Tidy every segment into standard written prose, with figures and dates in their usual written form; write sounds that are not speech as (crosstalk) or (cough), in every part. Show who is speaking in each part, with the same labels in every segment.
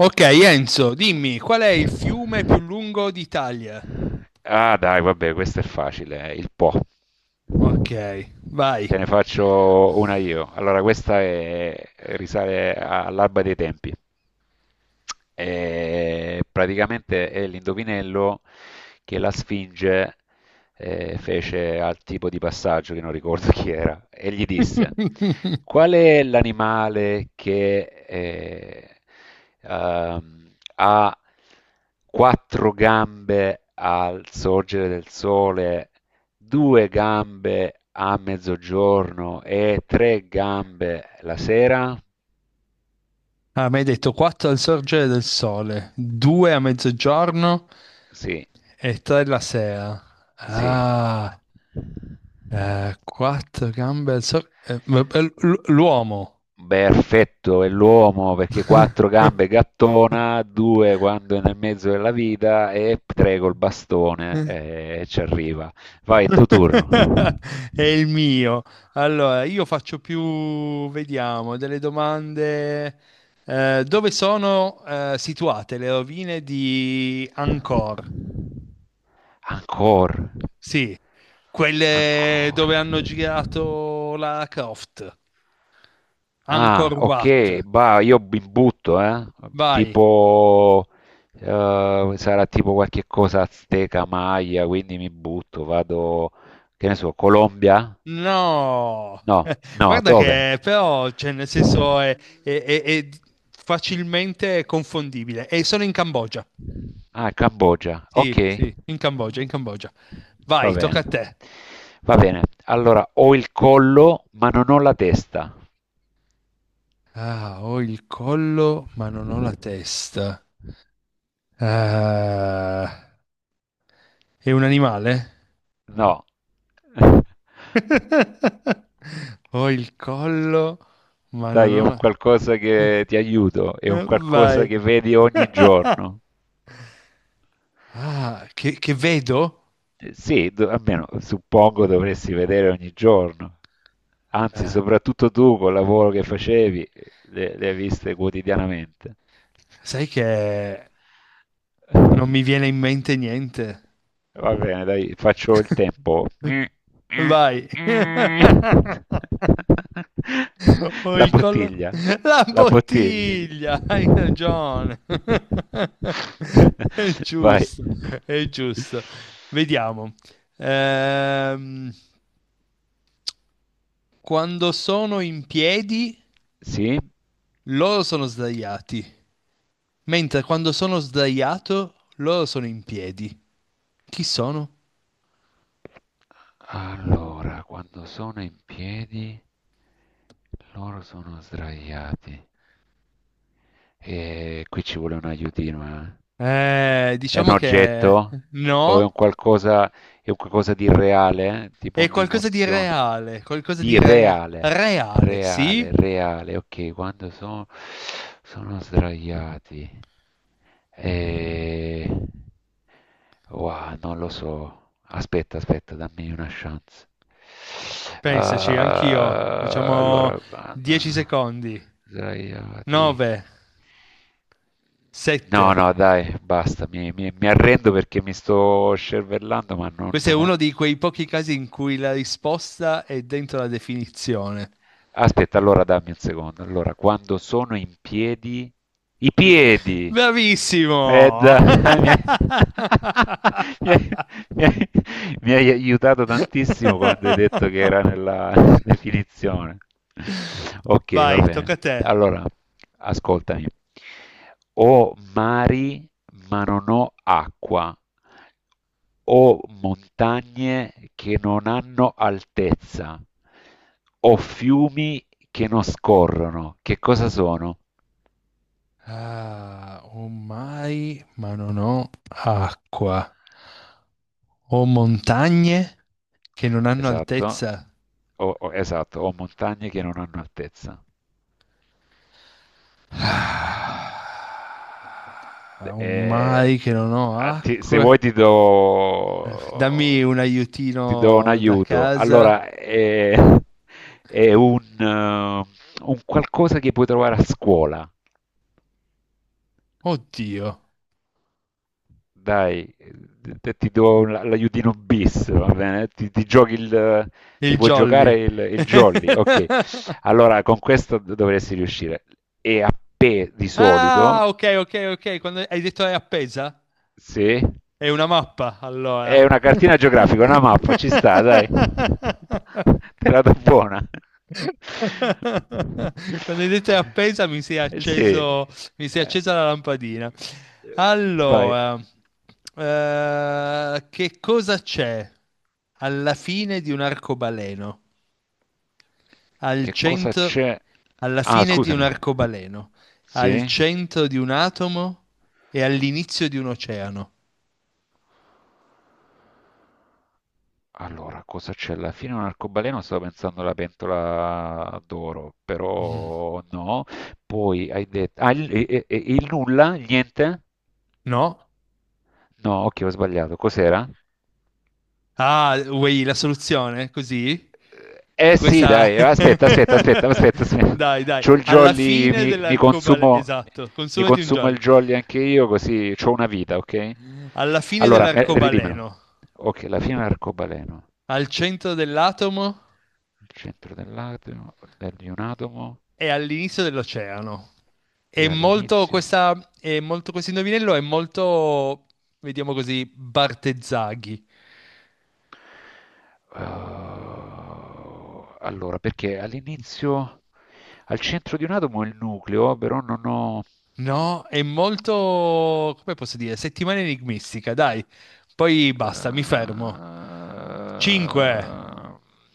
Speaker 1: Ok, Enzo, dimmi, qual è il fiume più lungo d'Italia?
Speaker 2: Ah, dai, vabbè, questo è facile, il Po.
Speaker 1: Ok, vai.
Speaker 2: Te ne faccio una io. Allora, risale all'alba dei tempi. E praticamente è l'indovinello che la Sfinge fece al tipo di passaggio che non ricordo (laughs) chi era e gli disse:
Speaker 1: (laughs)
Speaker 2: Qual è l'animale che ha quattro gambe al sorgere del sole, due gambe a mezzogiorno e tre gambe la sera?
Speaker 1: Ah, mi hai detto 4 al sorgere del sole, 2 a mezzogiorno
Speaker 2: Sì,
Speaker 1: e 3 la sera.
Speaker 2: sì.
Speaker 1: Ah, 4 gambe al sorgere. L'uomo.
Speaker 2: Perfetto, è l'uomo perché quattro gambe gattona,
Speaker 1: (laughs)
Speaker 2: due quando è nel mezzo della vita e tre col bastone e ci arriva. Vai, è tuo
Speaker 1: (laughs)
Speaker 2: turno.
Speaker 1: È il mio. Allora, io faccio più, vediamo, delle domande. Dove sono situate le rovine di Angkor?
Speaker 2: Ancora.
Speaker 1: Sì, quelle
Speaker 2: Ancora.
Speaker 1: dove hanno girato la Croft.
Speaker 2: Ah,
Speaker 1: Angkor
Speaker 2: ok,
Speaker 1: Wat.
Speaker 2: bah, io mi butto, eh?
Speaker 1: Vai.
Speaker 2: Tipo, sarà tipo qualche cosa azteca, maya, quindi mi butto, vado, che ne so, Colombia?
Speaker 1: No,
Speaker 2: No,
Speaker 1: (laughs)
Speaker 2: no,
Speaker 1: guarda
Speaker 2: dove?
Speaker 1: che però, cioè, nel senso è facilmente confondibile. E sono in Cambogia.
Speaker 2: Ah, Cambogia,
Speaker 1: Sì,
Speaker 2: ok.
Speaker 1: sì, in Cambogia, in Cambogia.
Speaker 2: Va
Speaker 1: Vai, tocca
Speaker 2: bene,
Speaker 1: a te.
Speaker 2: va bene. Allora, ho il collo, ma non ho la testa.
Speaker 1: Ah, ho il collo, ma non ho la testa. Ah, è un animale?
Speaker 2: No. (laughs)
Speaker 1: (laughs) Ho il collo, ma non
Speaker 2: Dai, è
Speaker 1: ho
Speaker 2: un
Speaker 1: la.
Speaker 2: qualcosa che ti aiuto, è un qualcosa
Speaker 1: Vai.
Speaker 2: che vedi ogni
Speaker 1: (laughs)
Speaker 2: giorno.
Speaker 1: Ah, che vedo?
Speaker 2: Sì, almeno suppongo dovresti vedere ogni giorno. Anzi,
Speaker 1: Eh,
Speaker 2: soprattutto tu col lavoro che facevi, le hai viste quotidianamente.
Speaker 1: sai che non mi viene in mente niente.
Speaker 2: Va bene, dai, faccio il tempo.
Speaker 1: (laughs)
Speaker 2: (laughs)
Speaker 1: Vai. (laughs) Ho
Speaker 2: La
Speaker 1: il collo.
Speaker 2: bottiglia,
Speaker 1: La
Speaker 2: la bottiglia.
Speaker 1: bottiglia, hai
Speaker 2: (laughs)
Speaker 1: ragione. (laughs) È
Speaker 2: Vai.
Speaker 1: giusto, è giusto. Vediamo. Ehm, quando sono in piedi,
Speaker 2: Sì?
Speaker 1: loro sono sdraiati. Mentre quando sono sdraiato, loro sono in piedi. Chi sono?
Speaker 2: Allora, quando sono in piedi, loro sono sdraiati. E qui ci vuole un aiutino, eh. È un
Speaker 1: Diciamo che
Speaker 2: oggetto? O
Speaker 1: no,
Speaker 2: è un qualcosa di reale? Eh? Tipo
Speaker 1: è qualcosa di
Speaker 2: un'emozione?
Speaker 1: reale, qualcosa di
Speaker 2: Di
Speaker 1: re-
Speaker 2: reale,
Speaker 1: reale,
Speaker 2: reale,
Speaker 1: sì,
Speaker 2: reale. Ok, quando sono sdraiati. Eh, Wow, non lo so. Aspetta, aspetta, dammi una chance.
Speaker 1: Pensaci, anch'io.
Speaker 2: Ah,
Speaker 1: Facciamo
Speaker 2: allora,
Speaker 1: 10
Speaker 2: guarda,
Speaker 1: secondi.
Speaker 2: sdraiati.
Speaker 1: 9,
Speaker 2: No,
Speaker 1: 7.
Speaker 2: no, dai, basta, mi arrendo perché mi sto scervellando, ma non.
Speaker 1: Questo è uno di quei pochi casi in cui la risposta è dentro la definizione.
Speaker 2: Aspetta, allora dammi un secondo. Allora, quando sono in piedi, i piedi. Eh,
Speaker 1: Bravissimo!
Speaker 2: dai, (laughs) (laughs)
Speaker 1: (laughs)
Speaker 2: mi hai- mi hai- mi hai aiutato tantissimo quando hai detto che era nella (laughs) definizione. Ok, va
Speaker 1: Vai,
Speaker 2: bene.
Speaker 1: tocca a te.
Speaker 2: Allora, ascoltami. Ho mari, ma non ho acqua o montagne che non hanno altezza, o fiumi che non scorrono. Che cosa sono?
Speaker 1: Ah, ho mai, ma non ho acqua. Ho montagne che non hanno
Speaker 2: Esatto.
Speaker 1: altezza.
Speaker 2: Esatto, o montagne che non hanno altezza.
Speaker 1: Ah, un
Speaker 2: Eh,
Speaker 1: mai che non ho
Speaker 2: Se
Speaker 1: acque.
Speaker 2: vuoi ti
Speaker 1: Dammi un
Speaker 2: do, ti do un
Speaker 1: aiutino da
Speaker 2: aiuto.
Speaker 1: casa.
Speaker 2: Allora, è un qualcosa che puoi trovare a scuola.
Speaker 1: Oddio,
Speaker 2: Dai, ti do l'aiutino bis, va bene? Ti
Speaker 1: il
Speaker 2: puoi giocare
Speaker 1: Jolly.
Speaker 2: il jolly, ok.
Speaker 1: (laughs)
Speaker 2: Allora, con questo dovresti riuscire. E a P di
Speaker 1: Ah,
Speaker 2: solito,
Speaker 1: ok, ok, ok. Quando hai detto è appesa?
Speaker 2: sì,
Speaker 1: È una mappa,
Speaker 2: è
Speaker 1: allora.
Speaker 2: una cartina geografica, una mappa, ci sta, dai. (laughs)
Speaker 1: (laughs)
Speaker 2: Te la do buona.
Speaker 1: (laughs) Quando hai detto è appesa
Speaker 2: Sì.
Speaker 1: mi si è accesa la lampadina.
Speaker 2: Eh, Vai.
Speaker 1: Allora, che cosa c'è alla fine di un arcobaleno? Al
Speaker 2: Che cosa
Speaker 1: centro,
Speaker 2: c'è?
Speaker 1: alla
Speaker 2: Ah,
Speaker 1: fine di un
Speaker 2: scusami.
Speaker 1: arcobaleno, al
Speaker 2: Sì?
Speaker 1: centro di un atomo e all'inizio di un oceano.
Speaker 2: Allora, cosa c'è? Alla fine un arcobaleno, stavo pensando alla pentola d'oro,
Speaker 1: Mm.
Speaker 2: però no. Poi hai detto. Ah, il nulla? Il niente?
Speaker 1: No?
Speaker 2: No, ok, ho sbagliato. Cos'era?
Speaker 1: Ah, vuoi la soluzione? Così?
Speaker 2: Eh eh sì,
Speaker 1: Questa.
Speaker 2: dai, aspetta,
Speaker 1: (laughs)
Speaker 2: aspetta, aspetta, aspetta, aspetta.
Speaker 1: Dai,
Speaker 2: (laughs)
Speaker 1: dai,
Speaker 2: C'ho il
Speaker 1: alla
Speaker 2: jolly,
Speaker 1: fine
Speaker 2: mi, mi
Speaker 1: dell'arcobaleno,
Speaker 2: consumo,
Speaker 1: esatto,
Speaker 2: mi
Speaker 1: consumati un
Speaker 2: consumo
Speaker 1: giallo.
Speaker 2: il jolly anche io, così c'ho una vita, ok?
Speaker 1: Alla fine
Speaker 2: Allora, ridimelo.
Speaker 1: dell'arcobaleno,
Speaker 2: Ok, la fine dell'arcobaleno.
Speaker 1: al centro dell'atomo
Speaker 2: Al centro dell'atomo, di un atomo
Speaker 1: e all'inizio dell'oceano. È
Speaker 2: e
Speaker 1: molto
Speaker 2: all'inizio.
Speaker 1: questa, è molto questo indovinello, è molto, vediamo così, Bartezzaghi.
Speaker 2: Eh, allora, perché all'inizio, al centro di un atomo è il nucleo, però non ho.
Speaker 1: No, è molto, come posso dire, settimana enigmistica, dai. Poi basta, mi
Speaker 2: Eh,
Speaker 1: fermo. 5,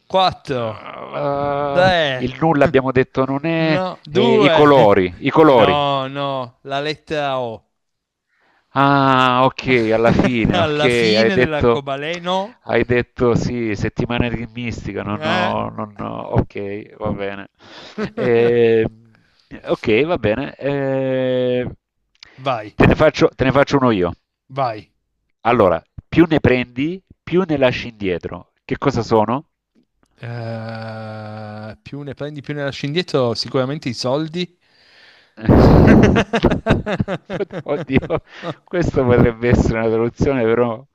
Speaker 1: 4,
Speaker 2: eh,
Speaker 1: tre.
Speaker 2: il nulla
Speaker 1: (laughs)
Speaker 2: abbiamo detto non è.
Speaker 1: No,
Speaker 2: I
Speaker 1: due.
Speaker 2: colori, i colori.
Speaker 1: No, no, la lettera O.
Speaker 2: Ah, ok, alla
Speaker 1: (laughs)
Speaker 2: fine, ok,
Speaker 1: Alla
Speaker 2: hai
Speaker 1: fine
Speaker 2: detto,
Speaker 1: dell'arcobaleno.
Speaker 2: sì, settimana di mistica,
Speaker 1: No.
Speaker 2: non ho, ok, va bene.
Speaker 1: (laughs)
Speaker 2: Eh, ok, va bene. eh,
Speaker 1: Vai,
Speaker 2: te ne faccio, te ne faccio uno io.
Speaker 1: vai.
Speaker 2: Allora, più ne prendi, più ne lasci indietro. Che cosa sono?
Speaker 1: Più ne prendi, più ne lasci indietro, sicuramente i soldi.
Speaker 2: (laughs) Oddio,
Speaker 1: (laughs)
Speaker 2: questo potrebbe essere una traduzione, però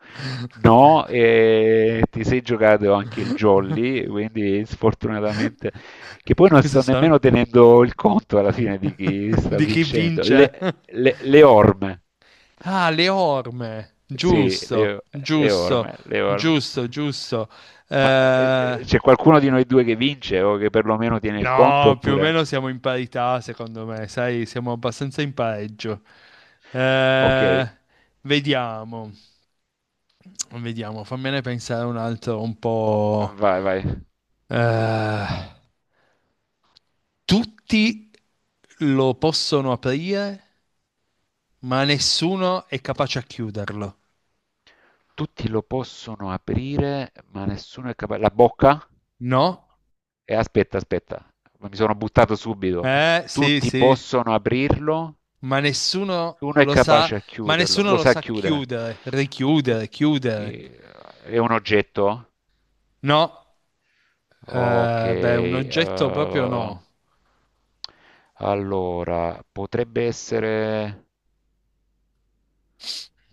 Speaker 2: no, e ti sei giocato anche il jolly, quindi sfortunatamente, che poi non
Speaker 1: Cosa
Speaker 2: sto
Speaker 1: sono?
Speaker 2: nemmeno tenendo il conto alla fine di chi
Speaker 1: (laughs)
Speaker 2: sta
Speaker 1: Di chi
Speaker 2: vincendo.
Speaker 1: vince?
Speaker 2: Le orme,
Speaker 1: Ah, le orme.
Speaker 2: sì,
Speaker 1: Giusto,
Speaker 2: le
Speaker 1: giusto,
Speaker 2: orme, le orme.
Speaker 1: giusto, giusto.
Speaker 2: Ma
Speaker 1: Eh,
Speaker 2: c'è qualcuno di noi due che vince o che perlomeno tiene il conto
Speaker 1: no, più o
Speaker 2: oppure.
Speaker 1: meno siamo in parità, secondo me, sai, siamo abbastanza in pareggio.
Speaker 2: Ok,
Speaker 1: Eh, vediamo, vediamo, fammene pensare un altro un po'.
Speaker 2: vai, vai.
Speaker 1: Eh, tutti lo possono aprire, ma nessuno è capace a chiuderlo.
Speaker 2: Tutti lo possono aprire, ma nessuno è capace. La bocca?
Speaker 1: No?
Speaker 2: E aspetta, aspetta, mi sono buttato subito.
Speaker 1: Sì,
Speaker 2: Tutti
Speaker 1: sì.
Speaker 2: possono aprirlo,
Speaker 1: ma nessuno
Speaker 2: uno è
Speaker 1: lo sa,
Speaker 2: capace a
Speaker 1: ma
Speaker 2: chiuderlo,
Speaker 1: nessuno
Speaker 2: lo
Speaker 1: lo
Speaker 2: sa
Speaker 1: sa
Speaker 2: chiudere.
Speaker 1: chiudere, richiudere,
Speaker 2: Tutti...
Speaker 1: chiudere.
Speaker 2: eh, È un oggetto?
Speaker 1: No,
Speaker 2: Ok,
Speaker 1: beh, un oggetto proprio no.
Speaker 2: allora potrebbe essere.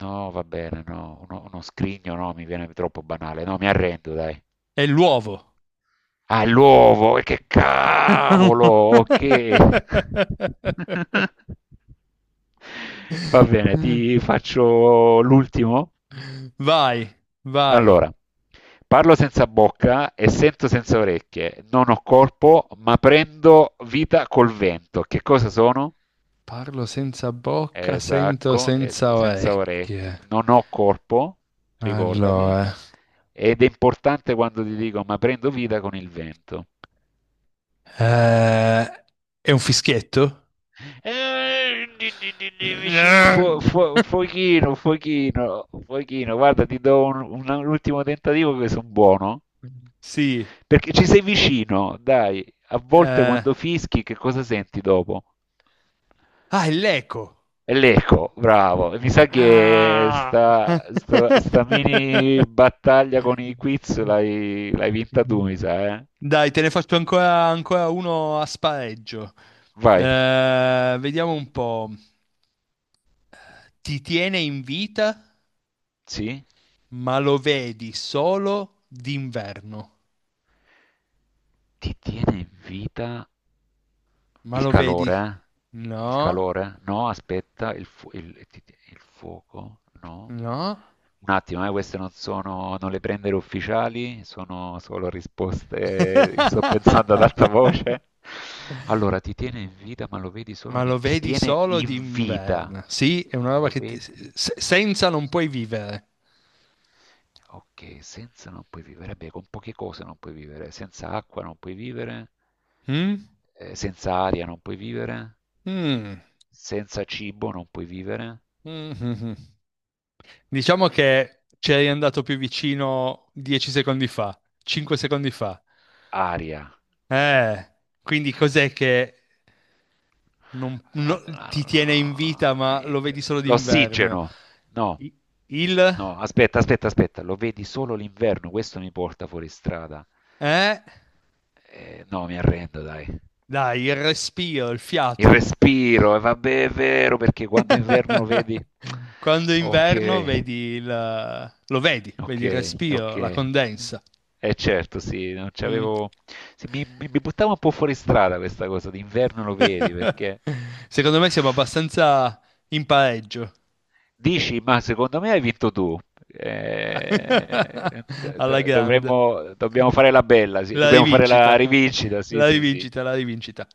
Speaker 2: No, va bene, no, uno scrigno, no, mi viene troppo banale. No, mi arrendo, dai.
Speaker 1: È l'uovo.
Speaker 2: All'uovo, e che cavolo, ok.
Speaker 1: (laughs)
Speaker 2: (laughs) Va bene, ti faccio l'ultimo.
Speaker 1: Vai, vai.
Speaker 2: Allora, parlo senza bocca e sento senza orecchie, non ho corpo, ma prendo vita col vento. Che cosa sono?
Speaker 1: Parlo senza bocca, sento
Speaker 2: Esatto,
Speaker 1: senza
Speaker 2: senza orecchie,
Speaker 1: orecchie.
Speaker 2: non ho corpo, ricordati,
Speaker 1: Allora,
Speaker 2: ed è importante quando ti dico, ma prendo vita con il vento.
Speaker 1: eh, è un fischietto?
Speaker 2: Vicino,
Speaker 1: (laughs)
Speaker 2: Fochino, Fochino, Fochino, guarda, ti do un ultimo tentativo che sono buono.
Speaker 1: Sì.
Speaker 2: Perché ci sei vicino, dai. A volte
Speaker 1: eh,
Speaker 2: quando fischi, che cosa senti dopo?
Speaker 1: è l'eco.
Speaker 2: È l'eco, bravo. E mi sa che
Speaker 1: Ah!
Speaker 2: sta mini
Speaker 1: (laughs)
Speaker 2: battaglia con i quiz l'hai vinta tu, mi sa, eh?
Speaker 1: Dai, te ne faccio ancora, ancora uno a spareggio.
Speaker 2: Vai.
Speaker 1: Vediamo un po'. Ti tiene in vita,
Speaker 2: Sì?
Speaker 1: ma lo vedi solo d'inverno.
Speaker 2: Ti tiene in vita.
Speaker 1: Ma
Speaker 2: Il
Speaker 1: lo vedi?
Speaker 2: calore? Eh? Il
Speaker 1: No,
Speaker 2: calore? No, aspetta, il fuoco? No.
Speaker 1: no.
Speaker 2: Un attimo, queste non sono, non le prendere ufficiali, sono solo risposte, sto pensando ad alta
Speaker 1: (laughs)
Speaker 2: voce. Allora, ti tiene in vita, ma lo vedi solo
Speaker 1: Ma
Speaker 2: di.
Speaker 1: lo
Speaker 2: Ti
Speaker 1: vedi
Speaker 2: tiene
Speaker 1: solo
Speaker 2: in vita,
Speaker 1: d'inverno. Sì, è una
Speaker 2: ma
Speaker 1: roba
Speaker 2: lo
Speaker 1: che
Speaker 2: vedi
Speaker 1: senza non puoi
Speaker 2: solo.
Speaker 1: vivere.
Speaker 2: Ok, senza non puoi vivere. Eh beh, con poche cose non puoi vivere. Senza acqua non puoi vivere.
Speaker 1: Mm?
Speaker 2: Senza aria non puoi vivere.
Speaker 1: Mm.
Speaker 2: Senza cibo non puoi vivere.
Speaker 1: (laughs) Mhm. Diciamo che ci eri andato più vicino 10 secondi fa, 5 secondi fa.
Speaker 2: Aria.
Speaker 1: Eh, quindi cos'è che non- no- ti tiene in vita,
Speaker 2: Allora,
Speaker 1: ma lo
Speaker 2: it-
Speaker 1: vedi solo d'inverno?
Speaker 2: L'ossigeno. No.
Speaker 1: I- Il.
Speaker 2: No, aspetta, aspetta, aspetta. Lo vedi solo l'inverno. Questo mi porta fuori strada.
Speaker 1: Eh?
Speaker 2: No, mi arrendo, dai.
Speaker 1: Dai, il respiro, il
Speaker 2: Il
Speaker 1: fiato.
Speaker 2: respiro, e vabbè, è vero, perché quando è inverno
Speaker 1: (laughs)
Speaker 2: vedi.
Speaker 1: Quando è inverno
Speaker 2: Ok,
Speaker 1: lo vedi,
Speaker 2: ok,
Speaker 1: vedi il
Speaker 2: ok.
Speaker 1: respiro, la condensa.
Speaker 2: Eh certo, sì, non
Speaker 1: Mm.
Speaker 2: c'avevo. Sì, mi buttavo un po' fuori strada questa cosa, d'inverno lo vedi, perché.
Speaker 1: (laughs) Secondo me siamo abbastanza in pareggio.
Speaker 2: Dici, ma secondo me hai vinto tu. Eh,
Speaker 1: (laughs)
Speaker 2: do-
Speaker 1: Alla
Speaker 2: do-
Speaker 1: grande.
Speaker 2: dovremmo, dobbiamo fare la bella, sì,
Speaker 1: La
Speaker 2: dobbiamo fare la
Speaker 1: rivincita.
Speaker 2: rivincita, sì,
Speaker 1: La
Speaker 2: sì, sì.
Speaker 1: rivincita, la rivincita.